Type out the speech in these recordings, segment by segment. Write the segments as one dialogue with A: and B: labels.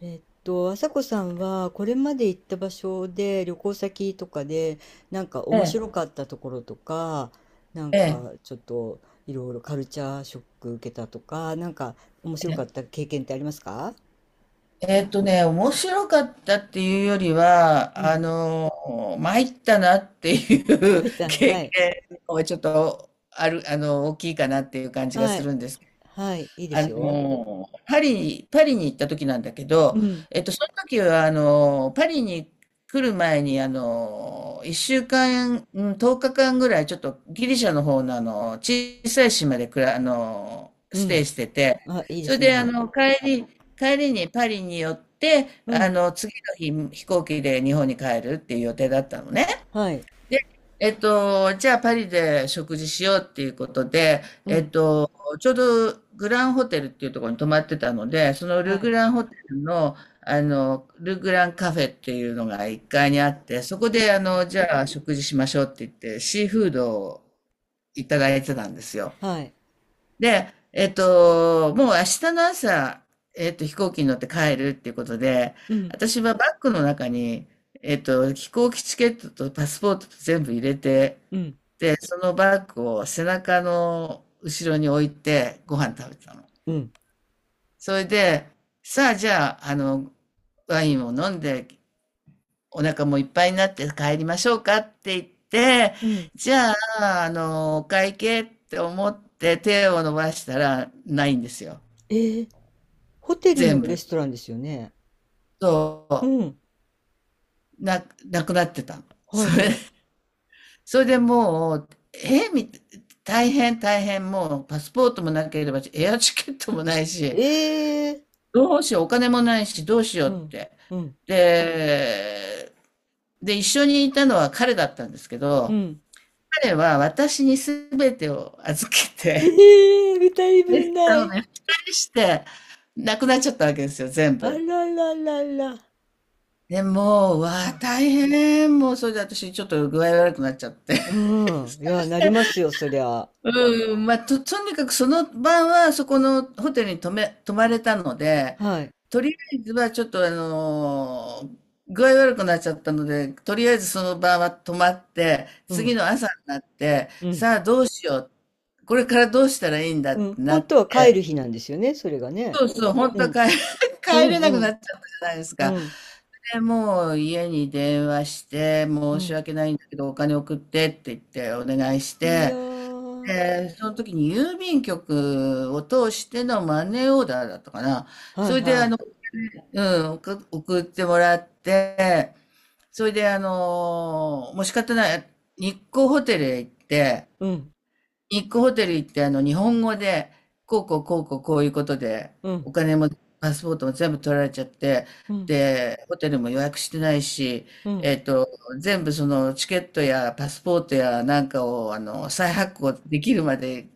A: 朝子さんはこれまで行った場所で、旅行先とかで、なんか
B: え
A: 面
B: え、
A: 白かったところとか、なん
B: ええ、
A: かちょっといろいろカルチャーショック受けたとか、なんか面
B: え
A: 白かっ
B: え
A: た経験ってありますか？
B: えーっとね、面白かったっていうより
A: う
B: は、
A: ん。
B: 参ったなって
A: ま
B: いう
A: い たん、
B: 経
A: はい。
B: 験の方がちょっとある、大きいかなっていう感じが
A: は
B: す
A: い。
B: るんですけ
A: はい。いいですよ。
B: パリに行った時なんだけ
A: う
B: ど、
A: ん。
B: その時は、パリに来る前に、1週間、うかん、10日間ぐらい、ちょっとギリシャの方の、小さい島で
A: う
B: ステ
A: ん。
B: イしてて、
A: あ、いいで
B: それ
A: す
B: で、
A: ね。
B: 帰りにパリに寄って、
A: うん。
B: 次の日、飛行機で日本に帰るっていう予定だったのね。
A: はい。
B: で、じゃあパリで食事しようっていうことで、
A: うん。
B: ちょうどグランホテルっていうところに泊まってたので、その
A: は
B: ル・グ
A: い。
B: ランホテルの、ル・グランカフェっていうのが1階にあって、そこで、じゃあ食事しましょうって言って、シーフードをいただいてたんですよ。
A: はい。
B: で、もう明日の朝、飛行機に乗って帰るっていうことで、
A: うん。
B: 私はバッグの中に、飛行機チケットとパスポートと全部入れて、
A: うん。
B: で、そのバッグを背中の後ろに置いてご飯食べてたの。
A: うん。
B: それで、さあじゃあ、ワインを飲んでお腹もいっぱいになって帰りましょうかって言って、
A: うん。
B: じゃあ、お会計って思って手を伸ばしたらないんですよ。
A: えー、ホテルの
B: 全部。
A: レストランですよね。う
B: そ
A: ん。
B: う、なくなってたの。
A: は
B: そ
A: い
B: れ、
A: はい。
B: それでもう、大変大変、もうパスポートもなければエアチケットもないし、
A: ええ、
B: どうしよう、お金もないし、どうしよう
A: う
B: っ
A: ん、
B: て。
A: うん、
B: で、で、一緒にいたのは彼だったんですけ
A: う
B: ど、
A: ん、
B: 彼は私に全てを預け
A: え
B: て、
A: え、二人分
B: お
A: ない。
B: 願いして、なくなっちゃったわけですよ、全
A: あ
B: 部。
A: らららら。
B: で、もう、う
A: う
B: わあ、
A: ん。
B: 大変。もう、それで私、ちょっと具合悪くなっちゃって。
A: うん、いや、なりますよ、そりゃ。
B: うん、まあ、とにかくその晩はそこのホテルに泊まれたので、
A: はい。
B: とりあえずはちょっと具合悪くなっちゃったので、とりあえずその晩は泊まって、
A: う
B: 次
A: ん、
B: の朝になって、
A: うん、
B: さあどうしよう、これからどうしたらいいんだ
A: う
B: って
A: ん。
B: なっ
A: 本
B: て、
A: 当は帰る日なんですよね、それがね。
B: そうそう、本
A: う
B: 当は
A: ん、
B: 帰
A: う
B: れ
A: ん、う
B: なくな
A: ん、
B: っちゃったじゃないです
A: う
B: か。
A: ん、
B: で、もう家に電話して、
A: う
B: 申し
A: ん、
B: 訳ないんだけど、お金送ってって言ってお願いし
A: いや
B: て、
A: ー、
B: で、その時に郵便局を通してのマネーオーダーだったかな。
A: は
B: そ
A: い
B: れで
A: はい。
B: うん、送ってもらって、それでもう仕方ない、日光ホテルへ行って、
A: うん、
B: 日光ホテル行って日本語で、こうこうこうこうこういうことで、
A: うん、
B: お金もパスポートも全部取られちゃって、
A: うん、
B: で、ホテルも予約してないし、
A: うん。
B: えっと、全部そのチケットやパスポートやなんかを再発行できるまで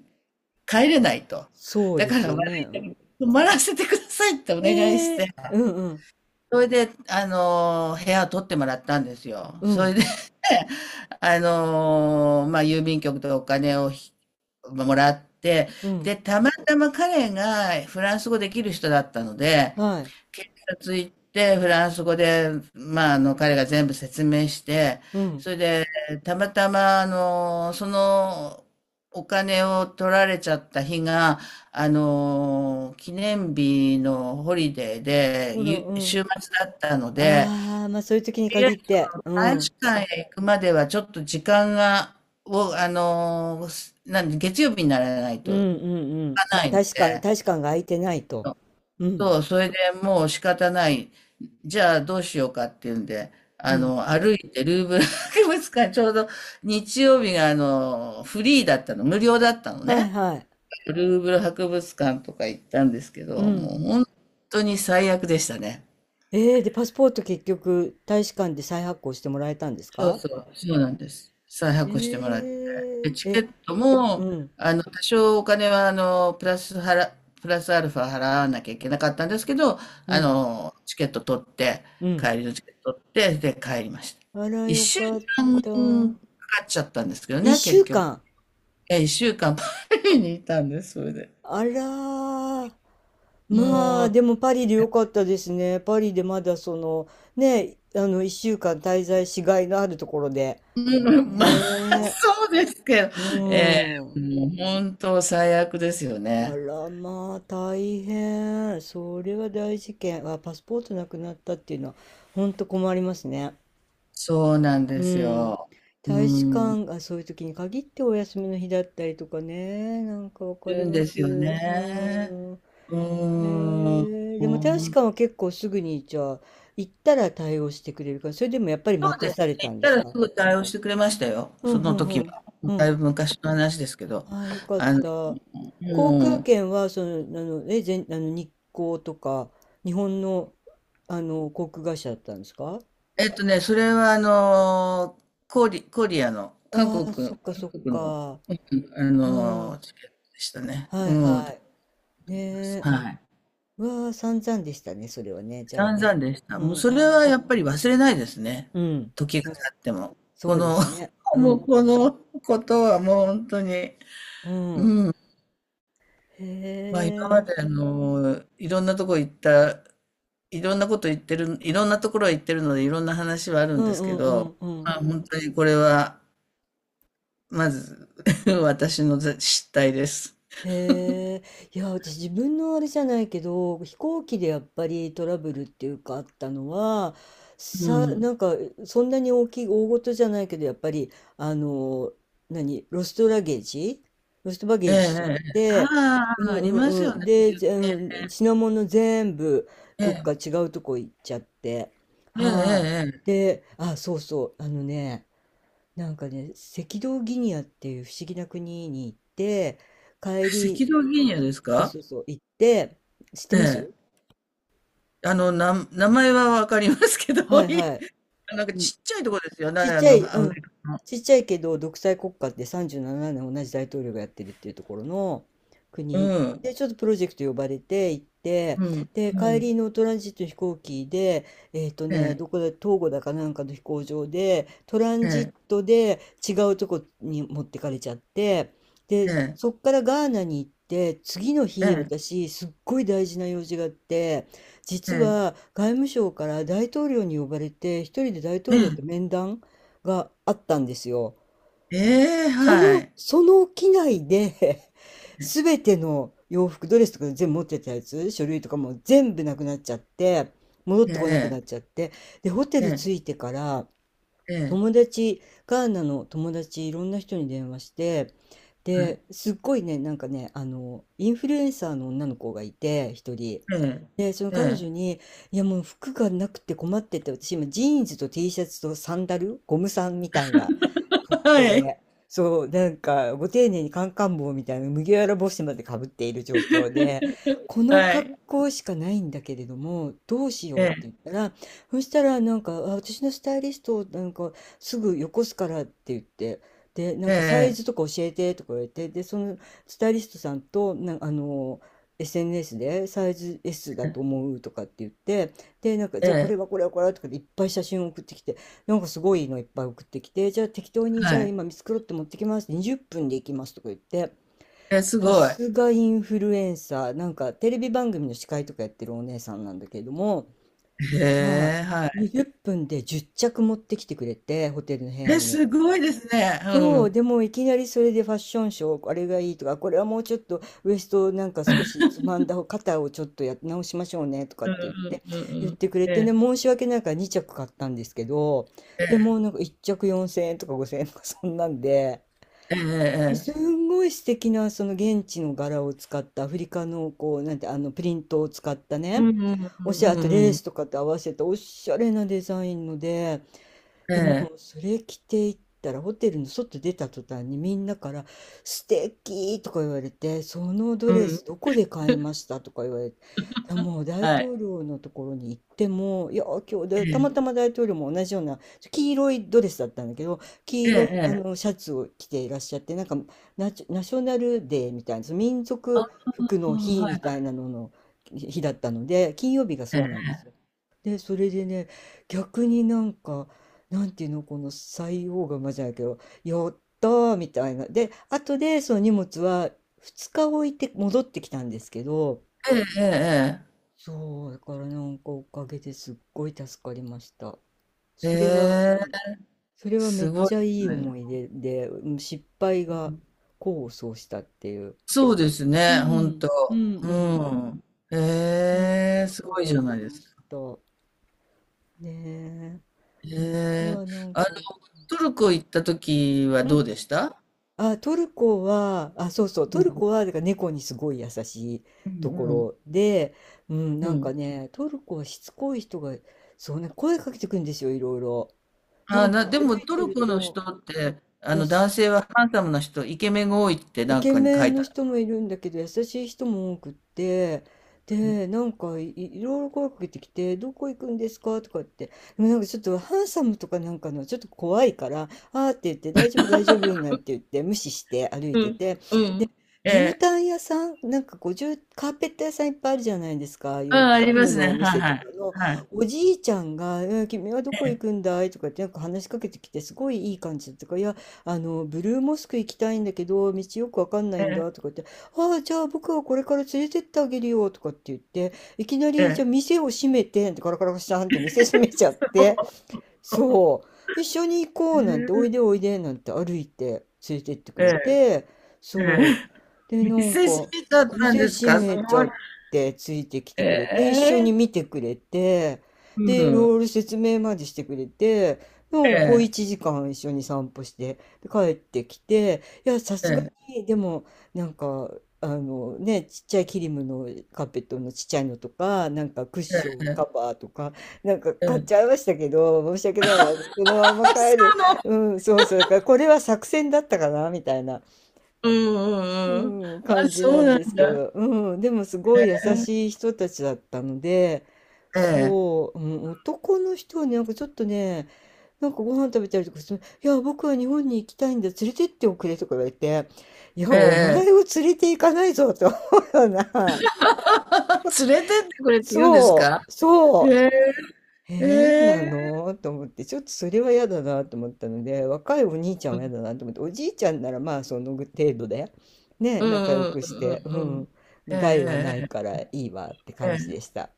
B: 帰れないと。
A: そう
B: だ
A: で
B: か
A: す
B: ら
A: よ
B: 悪いけ
A: ね。
B: ど、泊まらせてくださいってお
A: え
B: 願いして、
A: え、うん、うん、
B: それで、部屋を取ってもらったんですよ。
A: う
B: そ
A: ん、
B: れで、まあ、郵便局でお金をひもらって、
A: うん、
B: で、たまたま彼がフランス語できる人だったので、
A: はい。
B: 警察行ってフランス語で、まあ、彼が全部説明して、
A: うん、
B: それでたまたまそのお金を取られちゃった日が記念日のホリデーで
A: ほら、うん。
B: 週末だったので、
A: ああ、まあそういう時に
B: とりあえ
A: 限っ
B: ず
A: て、うん、う
B: 大使
A: ん
B: 館へ行くまではちょっと時間がをすなんで、月曜日にならない
A: う
B: といか
A: んうん、た、
B: ないの
A: 大使館、大
B: で。
A: 使館が空いてないと。うん、
B: そう、それでもう仕方ない。じゃあどうしようかっていうんで、
A: うん。
B: 歩いてルーブル博物館、ちょうど日曜日がフリーだったの、無料だったの
A: はい
B: ね。
A: はい。
B: ルーブル博物館とか行ったんですけ
A: う
B: ど、
A: ん。
B: もう本当に最悪でしたね。
A: で、パスポート結局、大使館で再発行してもらえたんです
B: そう
A: か？
B: そう、そうなんです。再
A: え
B: 発行してもらって。
A: ー、
B: で、チケ
A: え、
B: ット
A: う
B: も、
A: ん、
B: 多少お金は、プラスアルファ払わなきゃいけなかったんですけど、
A: うん、
B: チケット取って、
A: うん。
B: 帰りのチケット取って、で、帰りました。
A: あら、
B: 一
A: よ
B: 週
A: かっ
B: 間
A: た。
B: かかっちゃったんですけど
A: 一
B: ね、結
A: 週
B: 局。
A: 間。
B: え、一週間パリにいたんです、それで。
A: あらー、まあ、
B: も
A: でもパリでよかったですね。パリでまだその、ね、あの、一週間滞在しがいのあるところで。
B: う、うんまあ、
A: ねえ、
B: そうですけど、
A: うん。
B: もう本当最悪ですよ
A: あ
B: ね。
A: らまあ大変。それは大事件。あ、パスポートなくなったっていうのは本当困りますね。
B: そうなんで
A: う
B: す
A: ん。
B: よ。う
A: 大使
B: ん。
A: 館がそういう時に限ってお休みの日だったりとかね。なんかわ
B: い
A: かり
B: るん
A: ま
B: ですよ
A: す。う
B: ね。
A: ん。
B: う
A: へ
B: ーん。
A: え、
B: そ
A: でも大使館は結構すぐにじゃあ行ったら対応してくれるから、それでもやっぱり待
B: う
A: た
B: で
A: さ
B: す
A: れた
B: ね。行
A: ん
B: っ
A: で
B: た
A: す
B: ら
A: か？
B: すぐ対応してくれましたよ、
A: う
B: そ
A: んう
B: の
A: んう
B: 時
A: ん。
B: は。
A: う
B: だ
A: ん、
B: いぶ昔の話ですけど。
A: ああ、よかっ
B: あの、
A: た。航
B: も
A: 空
B: う、
A: 券は、その、あの、え、全、あの、日航とか、日本の、あの、航空会社だったんですか？
B: それはコリアの、韓
A: あ
B: 国、
A: あ、そ
B: 韓
A: っかそっ
B: 国の、
A: か。うん。
B: チケットでしたね。
A: はい
B: うん。
A: はい。ねえ、
B: は
A: あ、
B: い。
A: うわあ、散々でしたね、それはね。じゃあ
B: 散
A: ね。
B: 々でした。
A: う
B: もう
A: ん、
B: そ
A: う
B: れは
A: ん。
B: やっぱり忘れないですね。
A: うん。
B: 時
A: は
B: が経
A: い、
B: っても。
A: そ
B: こ
A: うで
B: の
A: すね。う
B: もう
A: ん。
B: このことはもう本当に、
A: うん。へ
B: まあ今ま
A: え。
B: でいろんなとこ行った、いろんなこと言ってる、いろんなところへ行ってるのでいろんな話はある
A: う
B: んで
A: ん
B: す
A: う
B: け
A: んう
B: ど、
A: んうん。
B: まあ本当にこれは、まず 私の失態です。
A: へえ、いや、私自分のあれじゃないけど、飛行機でやっぱりトラブルっていうかあったのは、
B: う
A: さ、
B: ん。
A: なんか、そんなに大きい、大事じゃないけど、やっぱり、あの、何、ロストラゲージロストバゲ
B: ええ、
A: ージしちゃっ
B: ええ。
A: て、
B: あ
A: うん
B: あ、あります
A: うんう
B: よ
A: ん。
B: ね、
A: で、
B: 時々
A: ぜうん品物全部、どっ
B: ね。
A: か違うとこ行っちゃって。
B: ええ、ええ、
A: はい。
B: ええ。ええ、
A: で、あ、そうそう、あのね、なんかね、赤道ギニアっていう不思議な国に行って、帰
B: 赤
A: り、
B: 道ギニアです
A: そう
B: か。
A: そうそう、行って、知って
B: え
A: ま
B: え。
A: す？
B: 名前は分かりますけど、
A: はいは
B: なんか
A: い。ん、
B: ちっちゃいとこですよね、
A: ちっちゃい、
B: ア
A: う
B: フ
A: ん。
B: リカの。
A: ちっちゃいけど独裁国家って37年同じ大統領がやってるっていうところの
B: う
A: 国
B: ん。
A: で、ちょっとプロジェクト呼ばれて行って、
B: うん、
A: で
B: う
A: 帰
B: ん。
A: りのトランジット飛行機で、
B: ええ、
A: どこだ、東郷だかなんかの飛行場でトラン
B: え
A: ジッ
B: え、
A: トで違うとこに持ってかれちゃって、で
B: え
A: そっからガーナに行って、次の日
B: え、
A: 私すっごい大事な用事があって、
B: ええ、
A: 実
B: え
A: は
B: え、
A: 外務省から大統領に呼ばれて一人で大
B: え
A: 統領
B: え、
A: と面談があったんですよ。
B: ええ、
A: そ
B: は
A: の、
B: い。
A: その機内で
B: ええ、
A: 全 ての洋服、ドレスとか全部持ってたやつ、書類とかも全部なくなっちゃって、戻っ
B: え
A: てこなく
B: え、
A: なっちゃって、で、ホテ
B: え
A: ル
B: え、
A: 着いてから、
B: ええ、
A: 友達、ガーナの友達いろんな人に電話して、で、すっごいね、なんかね、あの、インフルエンサーの女の子がいて、一人。
B: ええ、
A: で、その
B: え
A: 彼女
B: え。
A: に、いやもう服がなくて困ってて、私今ジーンズと T シャツとサンダル、ゴムさんみたいな格好
B: はい、
A: で、そう、なんかご丁寧にカンカン帽みたいな麦わら帽子までかぶっている状況で、この
B: は
A: 格
B: い。
A: 好しかないんだけれども、どうし
B: え
A: ようって
B: え、
A: 言ったら、そしたらなんか、あ、私のスタイリスト、なんかすぐよこすからって言って、で、なん
B: え
A: かサイ
B: え、
A: ズとか教えてとか言われて、で、そのスタイリストさんと、な、あの、SNS でサイズ S だと思うとかって言って、で、なんか、じ
B: え
A: ゃあこれは
B: え、
A: これはこれはとかでいっぱい写真を送ってきて、なんかすごいのいっぱい送ってきて、じゃあ適当に、じゃ
B: は
A: あ
B: い。
A: 今見繕って持ってきます、20分で行きますとか言って、
B: え、す
A: さ
B: ごい。
A: すがインフルエンサー、なんかテレビ番組の司会とかやってるお姉さんなんだけれども、
B: へ
A: は
B: え、は
A: い、
B: い。
A: 20分で10着持ってきてくれて、ホテルの部屋
B: え、
A: に。
B: すごいですね。う
A: そう、
B: ん。
A: でもいきなりそれでファッションショー、あれがいいとか、これはもうちょっとウエストをなんか少しつまんだ方、肩をちょっとや直しましょうねとかっ
B: うん
A: て
B: う
A: 言って、
B: んうん
A: 言
B: う
A: っ
B: ん。
A: てくれ
B: え
A: てね、
B: え、
A: 申し訳ないから2着買ったんですけど、でもなんか1着4000円とか5000円とかそんなんで、
B: ええ
A: で
B: え
A: す
B: え。
A: んごい素敵なその現地の柄を使ったアフリカのこう、なんてあのプリントを使った
B: うん
A: ね、
B: うんう
A: お
B: ん
A: しゃれ、あ
B: う
A: と
B: ん
A: レー
B: うん。
A: スとかと合わせたおしゃれなデザインので、
B: え
A: でも
B: え。
A: それ着ていったらホテルの外出た途端にみんなから「素敵」とか言われて、「そのド
B: う
A: レ
B: ん。
A: スどこで買いました？」とか言われて、あ、もう大
B: はい。
A: 統領のところに行っても、いや、今日
B: え
A: でたま
B: え。
A: たま大統領も同じような黄色いドレスだったんだけど、黄
B: ええ
A: 色いあ
B: え
A: の
B: え。
A: シャツを着ていらっしゃって、なんかナショナルデーみたいなその民
B: あ
A: 族服
B: あ、
A: の日
B: は
A: み
B: い。
A: たいなのの日だったので、金曜日が
B: え
A: そうなん
B: え。
A: ですよ。で、それでね、逆になんか、なんていうの、この採用がまじゃないけど、やったーみたいな。で、後でその荷物は2日置いて戻ってきたんですけど、
B: ええええ
A: そう、だからなんかおかげですっごい助かりました。
B: え
A: それは、う
B: え。
A: ん、それはめ
B: す
A: っ
B: ご
A: ち
B: い
A: ゃ
B: で
A: い
B: す
A: い
B: ね。
A: 思い出で、うん、失敗が功を奏したっていう。
B: そうです
A: う
B: ね、ほん
A: ん、
B: と。
A: うん、う
B: う
A: ん。
B: ん。
A: そんな
B: ええ、
A: こ
B: す
A: と
B: ごい
A: が
B: じ
A: あ
B: ゃ
A: り
B: ないで
A: ま
B: すか。
A: した。ねえ。あと
B: ええ。
A: はなん
B: あの、
A: か、
B: トルコ行った時は
A: う
B: どう
A: ん。
B: でした？
A: あ、トルコは、あ、そうそう、
B: う
A: ト
B: ん。
A: ルコは、だから猫にすごい優しい
B: う
A: とこ
B: んうん。
A: ろで、うん、
B: う
A: なん
B: ん。
A: かね、トルコはしつこい人が、そうね、声かけてくるんですよ、いろいろ。な
B: ああ、
A: んか
B: で
A: 歩
B: も
A: い
B: ト
A: て
B: ル
A: る
B: コの人
A: と、
B: って、
A: や
B: 男性
A: す、
B: はハンサムな人、イケメンが多いって
A: イ
B: なん
A: ケ
B: かに
A: メ
B: 書
A: ン
B: いて
A: の
B: ある。
A: 人もいるんだけど、優しい人も多くって、で、いろいろ声かけてきて、どこ行くんですかとかって、でもなんかちょっとハンサムとかなんかの、ちょっと怖いから、あーって言って、大丈夫、大丈夫、なんて言って、無視して歩い
B: う
A: て
B: ん。
A: て、
B: うん。え
A: 絨
B: え。
A: 毯屋さん、なんかこう、じゅうカーペット屋さんいっぱいあるじゃないですか。ああい
B: う
A: う
B: ん、あ
A: キ
B: り
A: リ
B: ま
A: ム
B: す
A: のお
B: ね。はい
A: 店と
B: は
A: か
B: い。
A: の、
B: はい。
A: おじいちゃんが、えー君はどこ行くんだいとかってなんか話しかけてきて、すごいいい感じだったから、いや、あの、ブルーモスク行きたいんだけど、道よくわかんな
B: え
A: いん
B: え、
A: だとかって、ああ、じゃあ僕はこれから連れてってあげるよとかって言って、いきな
B: え
A: り、じゃあ
B: え。
A: 店を閉めてってガラガラガシャンって店閉めちゃって、そう。一緒に行こうなんて、お
B: え
A: いでおいでなんて歩いて連れてってく
B: え、え
A: れ
B: え、
A: て、そう。で、な
B: 見
A: ん
B: せし
A: か、
B: めだったん
A: 店
B: です
A: 閉
B: か？す
A: めち
B: ご
A: ゃ
B: い。
A: ってついてきて
B: え
A: くれて、一緒に
B: え。
A: 見てくれて、
B: う
A: で、
B: ん。
A: ロール説明までしてくれて、も
B: え
A: うこう1
B: え、
A: 時間一緒に散歩して、で帰ってきて、いや、さ
B: え
A: すが
B: え、
A: に、でも、なんか、あのね、ちっちゃいキリムのカーペットのちっちゃいのとか、なんかクッ
B: え
A: ショ
B: え、
A: ンカ
B: え
A: バーとか、なんか買っち
B: え、
A: ゃいましたけど、申し訳ないな。このまま
B: あ、そ
A: 帰る。
B: うなの。
A: うん、そうそう。だからこれは作戦だったかなみたいな、
B: うんうんう
A: う
B: ん。
A: ん、
B: あ、
A: 感じ
B: そ
A: な
B: う
A: ん
B: なん
A: ですけ
B: だ。
A: ど。うん、でもすご
B: え
A: い優
B: え、
A: しい人たちだったので、
B: ええ、
A: そう、うん、男の人はね、なんかちょっとね、なんかご飯食べたりとかして、いや、僕は日本に行きたいんだ。連れてっておくれとか言われて、いや、
B: え
A: お
B: え。
A: 前を連れて行かないぞ、と思うような。
B: 連れてってくれって言うんです
A: そ
B: か？
A: う、そ
B: へ
A: う。
B: え、え
A: 変な
B: え。
A: のと思って、ちょっとそれは嫌だなと思ったので、若いお兄ちゃん
B: う
A: は嫌
B: ん。
A: だなと思って、おじいちゃんならまあその程度で、ね、
B: うん
A: 仲良
B: うん
A: く
B: う
A: し
B: ん
A: て、う
B: うんうん、
A: ん、
B: ええ
A: 害は
B: え
A: な
B: え
A: いか
B: え。
A: らいいわって
B: え
A: 感じで
B: え。
A: した。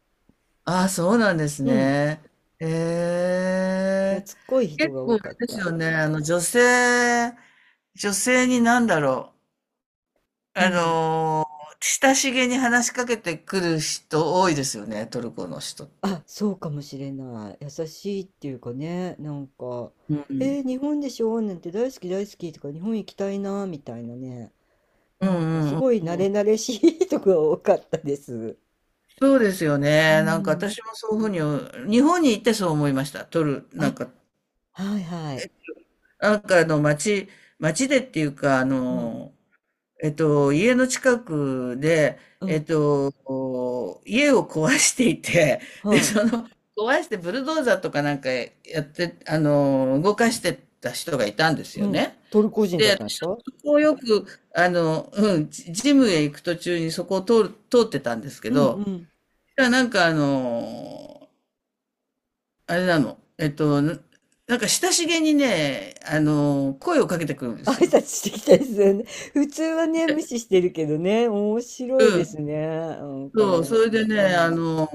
B: ああ、そうなんです
A: うん、
B: ね。へ
A: 懐
B: え。
A: っこい人
B: 結
A: が
B: 構
A: 多
B: あ
A: かっ
B: れです
A: た。
B: よね。女性になんだろう。
A: うん。
B: ー、親しげに話しかけてくる人多いですよね。トルコの人って。
A: あ、そうかもしれない。優しいっていうかね、なんか、
B: うん。
A: えー日本でしょなんて大好き大好きとか、日本行きたいなみたいなね、
B: うん
A: なんかす
B: うん
A: ごい
B: う
A: 慣
B: んう
A: れ
B: ん。
A: 慣れしい人が多かったです。
B: そうですよ
A: う
B: ね。なんか
A: ん。
B: 私もそういうふうに、日本に行ってそう思いました。なんか、
A: はいはい。
B: なんか街でっていうか、
A: うん、
B: 家の近くで、
A: うん、
B: 家を壊していて、で、
A: はい。
B: 壊してブルドーザーとかなんかやって、動かしてた人がいたんです
A: う
B: よ
A: ん、
B: ね。
A: トルコ人だったんですか？
B: こうよく、うん、ジジムへ行く途中にそこを通ってたんですけ
A: うん、う
B: ど、
A: ん。
B: いやなんかあれなの、なんか親しげにね、声をかけてくるんです
A: 挨
B: よ。
A: 拶してきたですよね。普通はね、無視してるけどね、面白いですね。なんか
B: そう、そ
A: ね。
B: れでね、
A: うん。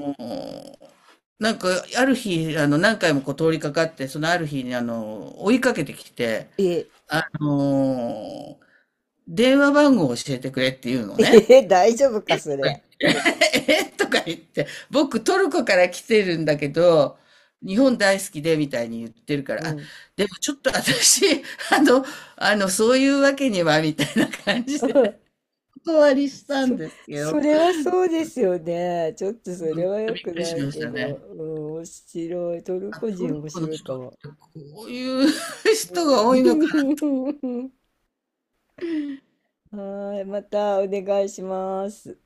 B: なんか、ある日、何回もこう通りかかって、そのある日に、追いかけてきて、
A: え、
B: あの、電話番号を教えてくれっていうのね。
A: え、大丈夫か、それ？
B: えとか言って、僕トルコから来てるんだけど、日本大好きでみたいに言ってるか
A: う
B: ら、あ、
A: ん。
B: でもちょっと私、あの、そういうわけにはみたいな感じ
A: うん、
B: で、お断りしたん
A: そ、
B: ですけど、
A: それはそうですよね。ちょっとそ
B: うん、ち
A: れ
B: ょ
A: は
B: っと
A: 良
B: びっ
A: く
B: くり
A: な
B: し
A: い
B: まし
A: け
B: た
A: ど、
B: ね。
A: うん、面白い。トル
B: あ、
A: コ
B: ト
A: 人
B: ル
A: 面
B: コの
A: 白い
B: 人
A: か
B: っ
A: も。
B: てこういう
A: う
B: 人が多いのかな。
A: ん、はい、またお願いします。